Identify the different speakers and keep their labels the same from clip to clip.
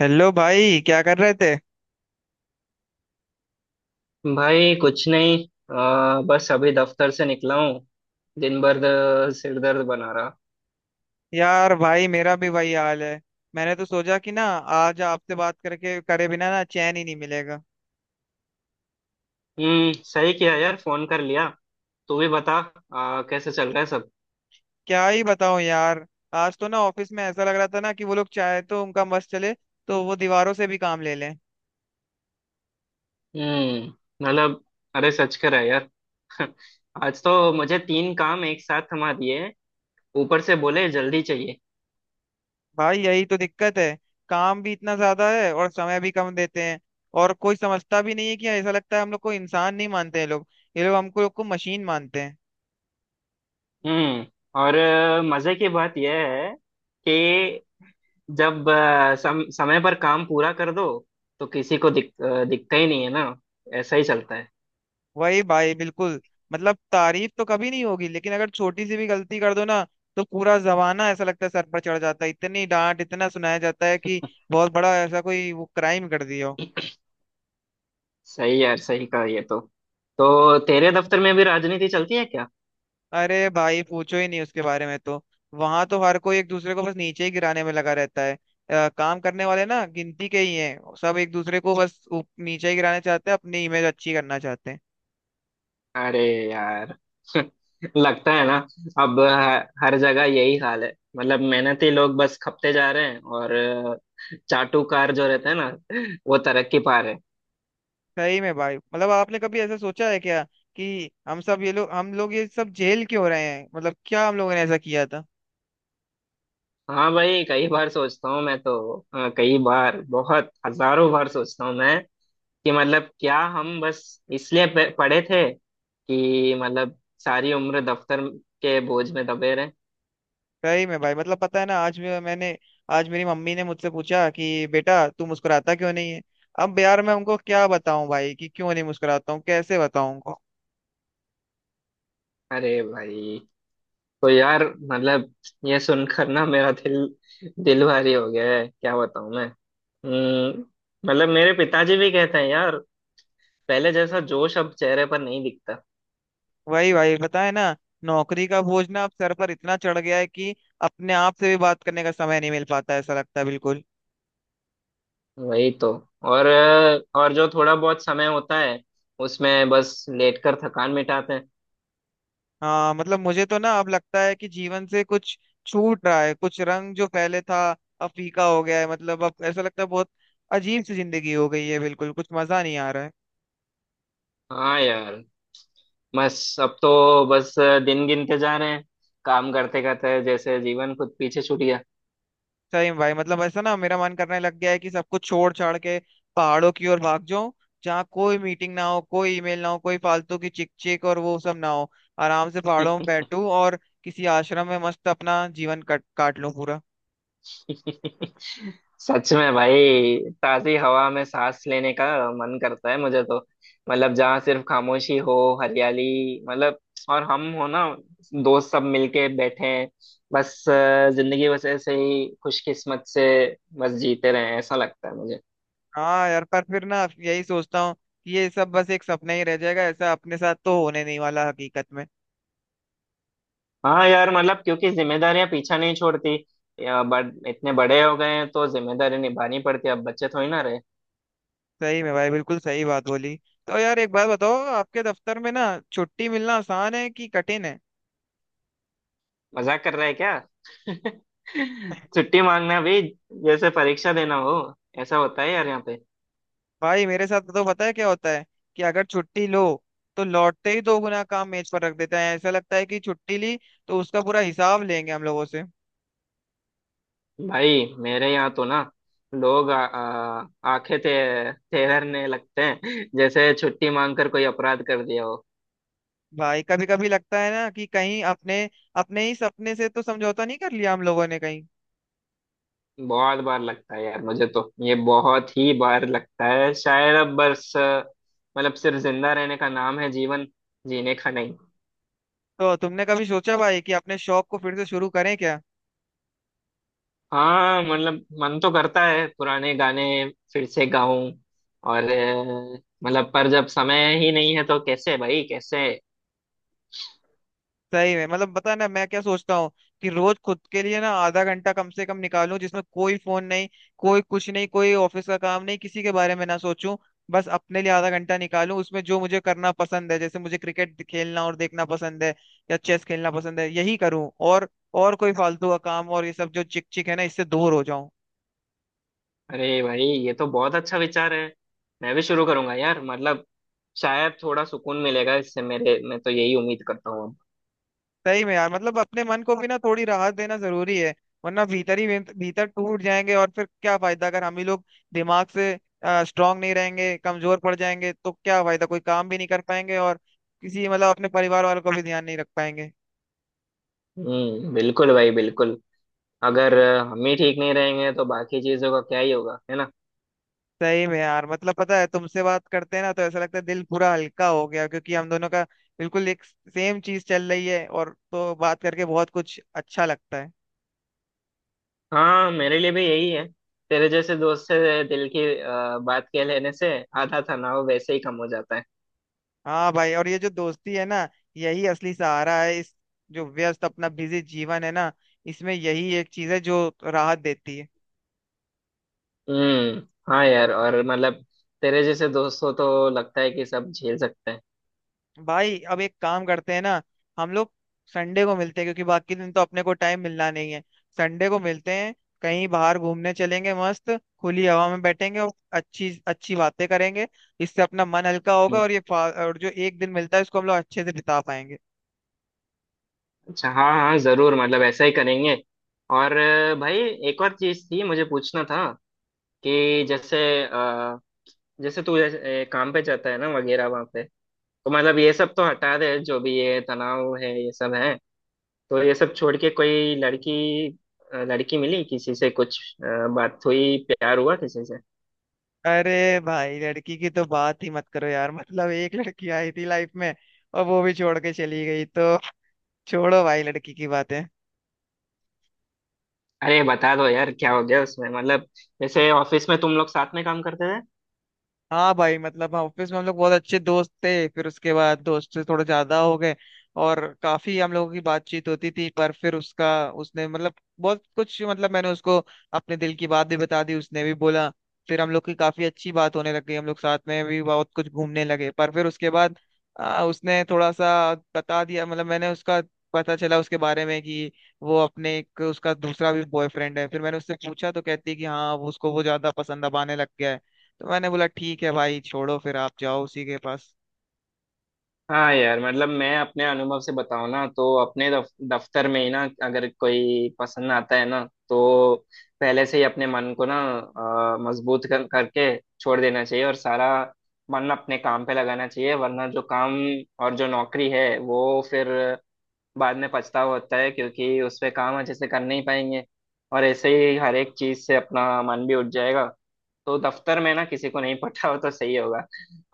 Speaker 1: Hello भाई क्या कर रहे थे।
Speaker 2: भाई कुछ नहीं। बस अभी दफ्तर से निकला हूँ। दिन भर सिर दर्द बना रहा।
Speaker 1: यार भाई मेरा भी वही हाल है। मैंने तो सोचा कि ना आज आपसे बात करके करे बिना ना चैन ही नहीं मिलेगा।
Speaker 2: हम्म, सही किया यार फोन कर लिया। तू भी बता। कैसे चल रहा है सब?
Speaker 1: क्या ही बताऊं यार। आज तो ना ऑफिस में ऐसा लग रहा था ना कि वो लोग चाहे तो उनका बस चले तो वो दीवारों से भी काम ले लें।
Speaker 2: हम्म। मतलब, अरे सच कर रहा है यार। आज तो मुझे तीन काम एक साथ थमा दिए। ऊपर से बोले जल्दी चाहिए।
Speaker 1: भाई यही तो दिक्कत है। काम भी इतना ज्यादा है और समय भी कम देते हैं। और कोई समझता भी नहीं है कि ऐसा लगता है हम लोग को इंसान नहीं मानते हैं लोग। ये लोग हमको लोग को मशीन मानते हैं।
Speaker 2: हम्म। और मजे की बात यह है कि जब समय पर काम पूरा कर दो तो किसी को दिखता ही नहीं है ना। ऐसा ही चलता है।
Speaker 1: वही भाई बिल्कुल। मतलब तारीफ तो कभी नहीं होगी लेकिन अगर छोटी सी भी गलती कर दो ना तो पूरा जमाना ऐसा लगता है सर पर चढ़ जाता है। इतनी डांट इतना सुनाया जाता है कि बहुत बड़ा ऐसा कोई वो क्राइम कर दिया हो।
Speaker 2: सही यार, सही कहा ये तो। तो तेरे दफ्तर में भी राजनीति चलती है क्या?
Speaker 1: अरे भाई पूछो ही नहीं उसके बारे में तो। वहां तो हर कोई एक दूसरे को बस नीचे ही गिराने में लगा रहता है। काम करने वाले ना गिनती के ही हैं। सब एक दूसरे को बस नीचे ही गिराना चाहते हैं अपनी इमेज अच्छी करना चाहते हैं।
Speaker 2: अरे यार। लगता है ना अब हर जगह यही हाल है। मतलब मेहनती लोग बस खपते जा रहे हैं और चाटुकार जो रहते हैं ना, वो तरक्की पा रहे हैं।
Speaker 1: सही में भाई मतलब आपने कभी ऐसा सोचा है क्या कि हम सब ये लोग हम लोग ये सब जेल क्यों हो रहे हैं। मतलब क्या हम लोगों ने ऐसा किया था।
Speaker 2: हाँ भाई, कई बार सोचता हूँ मैं तो। कई बार, बहुत हजारों बार सोचता हूँ मैं कि मतलब क्या हम बस इसलिए पढ़े थे कि मतलब सारी उम्र दफ्तर के बोझ में दबे रहे।
Speaker 1: सही में भाई मतलब पता है ना आज मैंने आज मेरी मम्मी ने मुझसे पूछा कि बेटा तू मुस्कुराता क्यों नहीं है। अब यार मैं उनको क्या बताऊं भाई कि क्यों नहीं मुस्कुराता हूँ कैसे बताऊं उनको।
Speaker 2: अरे भाई, तो यार, मतलब ये सुनकर ना मेरा दिल दिल भारी हो गया है। क्या बताऊं मैं? मतलब मेरे पिताजी भी कहते हैं यार, पहले जैसा जोश अब चेहरे पर नहीं दिखता।
Speaker 1: वही भाई बताए ना। नौकरी का बोझ ना अब सर पर इतना चढ़ गया है कि अपने आप से भी बात करने का समय नहीं मिल पाता है, ऐसा लगता है बिल्कुल।
Speaker 2: वही तो। और और जो थोड़ा बहुत समय होता है उसमें बस लेटकर थकान मिटाते हैं।
Speaker 1: हाँ मतलब मुझे तो ना अब लगता है कि जीवन से कुछ छूट रहा है कुछ रंग जो पहले था अब फीका हो गया है। मतलब अब ऐसा लगता है बहुत अजीब सी जिंदगी हो गई है बिल्कुल कुछ मजा नहीं आ रहा है।
Speaker 2: हाँ यार, बस अब तो, बस, दिन गिनते जा रहे हैं। काम करते करते जैसे जीवन खुद पीछे छूट गया।
Speaker 1: सही में भाई मतलब ऐसा ना मेरा मन करने लग गया है कि सब कुछ छोड़ छाड़ के पहाड़ों की ओर भाग जाऊं। जहाँ कोई मीटिंग ना हो कोई ईमेल ना हो कोई फालतू की चिक चिक और वो सब ना हो। आराम से पहाड़ों में बैठूं और किसी आश्रम में मस्त अपना जीवन कट काट लूं पूरा।
Speaker 2: सच में भाई, ताजी हवा में सांस लेने का मन करता है मुझे तो। मतलब जहाँ सिर्फ खामोशी हो, हरियाली, मतलब, और हम हो ना, दोस्त सब मिलके बैठे हैं। बस जिंदगी बस ऐसे ही खुशकिस्मत से बस जीते रहे, ऐसा लगता है मुझे।
Speaker 1: हाँ यार पर फिर ना यही सोचता हूँ कि ये सब बस एक सपना ही रह जाएगा ऐसा अपने साथ तो होने नहीं वाला हकीकत में।
Speaker 2: हाँ यार, मतलब क्योंकि जिम्मेदारियां पीछा नहीं छोड़ती। या बड़ इतने बड़े हो गए हैं तो जिम्मेदारी निभानी पड़ती है, अब बच्चे थोड़ी ना रहे।
Speaker 1: सही में भाई बिल्कुल सही बात बोली। तो यार एक बात बताओ आपके दफ्तर में ना छुट्टी मिलना आसान है कि कठिन है।
Speaker 2: मजाक कर रहे हैं क्या? छुट्टी मांगना भी जैसे परीक्षा देना हो ऐसा होता है यार यहाँ पे।
Speaker 1: भाई मेरे साथ तो पता है क्या होता है कि अगर छुट्टी लो तो लौटते ही दो गुना काम मेज पर रख देते हैं। ऐसा लगता है कि छुट्टी ली तो उसका पूरा हिसाब लेंगे हम लोगों से।
Speaker 2: भाई मेरे यहाँ तो ना, लोग आंखें ते तेरने लगते हैं जैसे छुट्टी मांगकर कोई अपराध कर दिया हो।
Speaker 1: भाई कभी कभी लगता है ना कि कहीं अपने अपने ही सपने से तो समझौता नहीं कर लिया हम लोगों ने कहीं।
Speaker 2: बहुत बार लगता है यार मुझे तो, ये बहुत ही बार लगता है, शायद अब बस मतलब सिर्फ जिंदा रहने का नाम है जीवन, जीने का नहीं।
Speaker 1: तो तुमने कभी सोचा भाई कि अपने शौक को फिर से शुरू करें क्या।
Speaker 2: हाँ मतलब मन तो करता है पुराने गाने फिर से गाऊं। और मतलब पर जब समय ही नहीं है तो कैसे भाई, कैसे?
Speaker 1: सही में मतलब बता ना मैं क्या सोचता हूँ कि रोज खुद के लिए ना आधा घंटा कम से कम निकालूं जिसमें कोई फोन नहीं कोई कुछ नहीं कोई ऑफिस का काम नहीं किसी के बारे में ना सोचूं। बस अपने लिए आधा घंटा निकालूं उसमें जो मुझे करना पसंद है जैसे मुझे क्रिकेट खेलना और देखना पसंद है या चेस खेलना पसंद है यही करूं। और कोई फालतू का काम और ये सब जो चिक चिक है ना इससे दूर हो जाऊं।
Speaker 2: अरे भाई, ये तो बहुत अच्छा विचार है। मैं भी शुरू करूंगा यार। मतलब शायद थोड़ा सुकून मिलेगा इससे मेरे। मैं तो यही उम्मीद करता हूँ अब।
Speaker 1: सही में यार मतलब अपने मन को भी ना थोड़ी राहत देना जरूरी है। वरना भीतर ही भीतर भीतर टूट जाएंगे और फिर क्या फायदा अगर हम ही लोग दिमाग से स्ट्रांग नहीं रहेंगे कमजोर पड़ जाएंगे तो क्या फायदा कोई काम भी नहीं कर पाएंगे और किसी मतलब अपने परिवार वालों को भी ध्यान नहीं रख पाएंगे।
Speaker 2: हम्म, बिल्कुल भाई, बिल्कुल। अगर हम ही ठीक नहीं रहेंगे तो बाकी चीजों का क्या ही होगा, है ना?
Speaker 1: सही में यार मतलब पता है तुमसे बात करते हैं ना तो ऐसा लगता है दिल पूरा हल्का हो गया क्योंकि हम दोनों का बिल्कुल एक सेम चीज चल रही है और तो बात करके बहुत कुछ अच्छा लगता है।
Speaker 2: हाँ, मेरे लिए भी यही है। तेरे जैसे दोस्त से दिल की बात कह लेने से आधा तनाव वैसे ही कम हो जाता है।
Speaker 1: हाँ भाई और ये जो दोस्ती है ना यही असली सहारा है इस जो व्यस्त अपना बिजी जीवन है ना इसमें यही एक चीज है जो राहत देती है।
Speaker 2: हम्म। हाँ यार, और मतलब तेरे जैसे दोस्त हो तो लगता है कि सब झेल सकते हैं।
Speaker 1: भाई अब एक काम करते हैं ना हम लोग संडे को मिलते हैं क्योंकि बाकी दिन तो अपने को टाइम मिलना नहीं है। संडे को मिलते हैं कहीं बाहर घूमने चलेंगे मस्त खुली हवा में बैठेंगे और अच्छी अच्छी बातें करेंगे। इससे अपना मन हल्का होगा
Speaker 2: हम्म,
Speaker 1: और और जो एक दिन मिलता है उसको हम लोग अच्छे से बिता पाएंगे।
Speaker 2: अच्छा, हाँ हाँ जरूर, मतलब ऐसा ही करेंगे। और भाई एक और चीज थी मुझे पूछना था कि जैसे, अ, जैसे तू काम पे जाता है ना वगैरह वहाँ पे, तो मतलब ये सब तो हटा दे जो भी ये तनाव है ये सब है, तो ये सब छोड़ के कोई लड़की, लड़की मिली किसी से, कुछ बात हुई, प्यार हुआ किसी से?
Speaker 1: अरे भाई लड़की की तो बात ही मत करो यार मतलब एक लड़की आई थी लाइफ में और वो भी छोड़ के चली गई तो छोड़ो भाई लड़की की बातें।
Speaker 2: अरे बता दो यार, क्या हो गया उसमें? मतलब जैसे ऑफिस में तुम लोग साथ में काम करते थे।
Speaker 1: हाँ भाई मतलब ऑफिस में हम लोग बहुत अच्छे दोस्त थे फिर उसके बाद दोस्त से थोड़े ज्यादा हो गए और काफी हम लोगों की बातचीत होती थी पर फिर उसका उसने मतलब बहुत कुछ मतलब मैंने उसको अपने दिल की बात भी बता दी उसने भी बोला। फिर हम लोग की काफी अच्छी बात होने लग गई हम लोग साथ में भी बहुत कुछ घूमने लगे पर फिर उसके बाद उसने थोड़ा सा बता दिया मतलब मैंने उसका पता चला उसके बारे में कि वो अपने एक उसका दूसरा भी बॉयफ्रेंड है। फिर मैंने उससे पूछा तो कहती है कि हाँ वो उसको वो ज्यादा पसंद अब आने लग गया है। तो मैंने बोला ठीक है भाई छोड़ो फिर आप जाओ उसी के पास।
Speaker 2: हाँ यार, मतलब मैं अपने अनुभव से बताऊँ ना तो अपने दफ्तर में ही ना अगर कोई पसंद आता है ना, तो पहले से ही अपने मन को ना मजबूत करके छोड़ देना चाहिए, और सारा मन अपने काम पे लगाना चाहिए। वरना जो काम और जो नौकरी है वो, फिर बाद में पछतावा होता है क्योंकि उस पे काम अच्छे से कर नहीं पाएंगे, और ऐसे ही हर एक चीज से अपना मन भी उठ जाएगा। तो दफ्तर में ना किसी को नहीं पता हो तो सही होगा।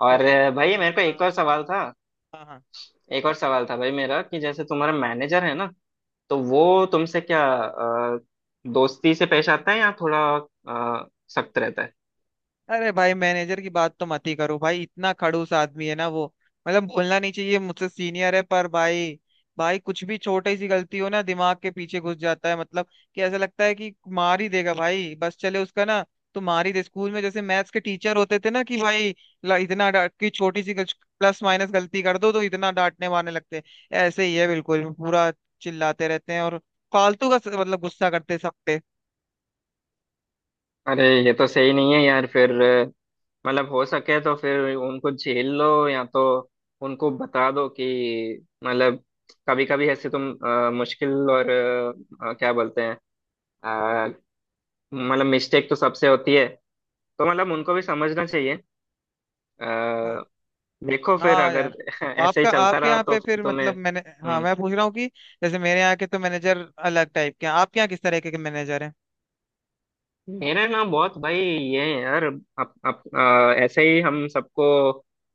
Speaker 2: और
Speaker 1: सही में भाई
Speaker 2: भाई मेरे को एक और
Speaker 1: हाँ।
Speaker 2: सवाल था।
Speaker 1: हाँ, हाँ।
Speaker 2: एक और सवाल था भाई मेरा कि जैसे तुम्हारा मैनेजर है ना, तो वो तुमसे क्या, दोस्ती से पेश आता है या थोड़ा अ, सख्त रहता है?
Speaker 1: अरे भाई मैनेजर की बात तो मत ही करो भाई इतना खड़ूस आदमी है ना वो। मतलब बोलना नहीं चाहिए मुझसे सीनियर है पर भाई भाई कुछ भी छोटी सी गलती हो ना दिमाग के पीछे घुस जाता है। मतलब कि ऐसा लगता है कि मार ही देगा भाई बस चले उसका ना तो मार ही दे। स्कूल में जैसे मैथ्स के टीचर होते थे ना कि भाई इतना डांट की छोटी सी प्लस माइनस गलती कर दो तो इतना डांटने वाने लगते हैं। ऐसे ही है बिल्कुल पूरा चिल्लाते रहते हैं और फालतू का मतलब गुस्सा करते हैं सब पे।
Speaker 2: अरे ये तो सही नहीं है यार फिर। मतलब हो सके तो फिर उनको झेल लो, या तो उनको बता दो कि मतलब कभी कभी ऐसे तुम मुश्किल और क्या बोलते हैं, अ, मतलब मिस्टेक तो सबसे होती है, तो मतलब उनको भी समझना चाहिए। अ, देखो फिर
Speaker 1: हाँ
Speaker 2: अगर
Speaker 1: यार।
Speaker 2: ऐसे ही
Speaker 1: आपका
Speaker 2: चलता
Speaker 1: आपके
Speaker 2: रहा
Speaker 1: यहाँ
Speaker 2: तो
Speaker 1: पे
Speaker 2: फिर
Speaker 1: फिर
Speaker 2: तुम्हें।
Speaker 1: मतलब मैंने हाँ मैं पूछ रहा हूँ कि जैसे मेरे यहाँ के तो मैनेजर अलग टाइप के हैं आपके यहाँ किस तरह के मैनेजर हैं।
Speaker 2: मेरा नाम बहुत भाई ये है यार, अप, अप, आ, ऐसे ही हम सबको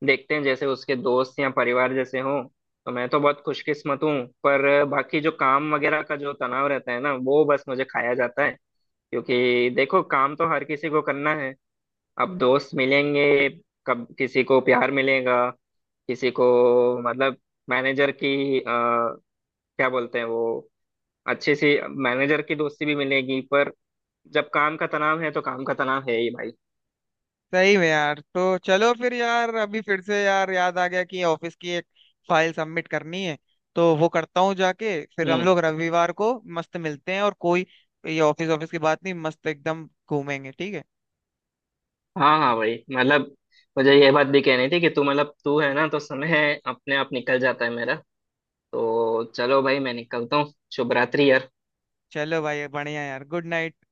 Speaker 2: देखते हैं जैसे उसके दोस्त या परिवार जैसे हों, तो मैं तो बहुत खुशकिस्मत हूँ। पर बाकी जो काम वगैरह का जो तनाव रहता है ना, वो बस मुझे खाया जाता है। क्योंकि देखो, काम तो हर किसी को करना है। अब दोस्त मिलेंगे, कब किसी को प्यार मिलेगा, किसी को मतलब मैनेजर की क्या बोलते हैं वो, अच्छी सी मैनेजर की दोस्ती भी मिलेगी, पर जब काम का तनाव है तो काम का तनाव है ही भाई।
Speaker 1: सही में यार तो चलो फिर यार अभी फिर से यार याद आ गया कि ऑफिस की एक फाइल सबमिट करनी है। तो वो करता हूँ जाके फिर हम
Speaker 2: हम्म।
Speaker 1: लोग रविवार को मस्त मिलते हैं। और कोई ये ऑफिस ऑफिस की बात नहीं मस्त एकदम घूमेंगे ठीक है।
Speaker 2: हाँ हाँ भाई मतलब मुझे ये बात भी कहनी थी कि तू मतलब तू है ना तो समय अपने आप निकल जाता है मेरा। तो चलो भाई, मैं निकलता हूँ। शुभ रात्रि यार।
Speaker 1: चलो भाई बढ़िया यार गुड नाइट।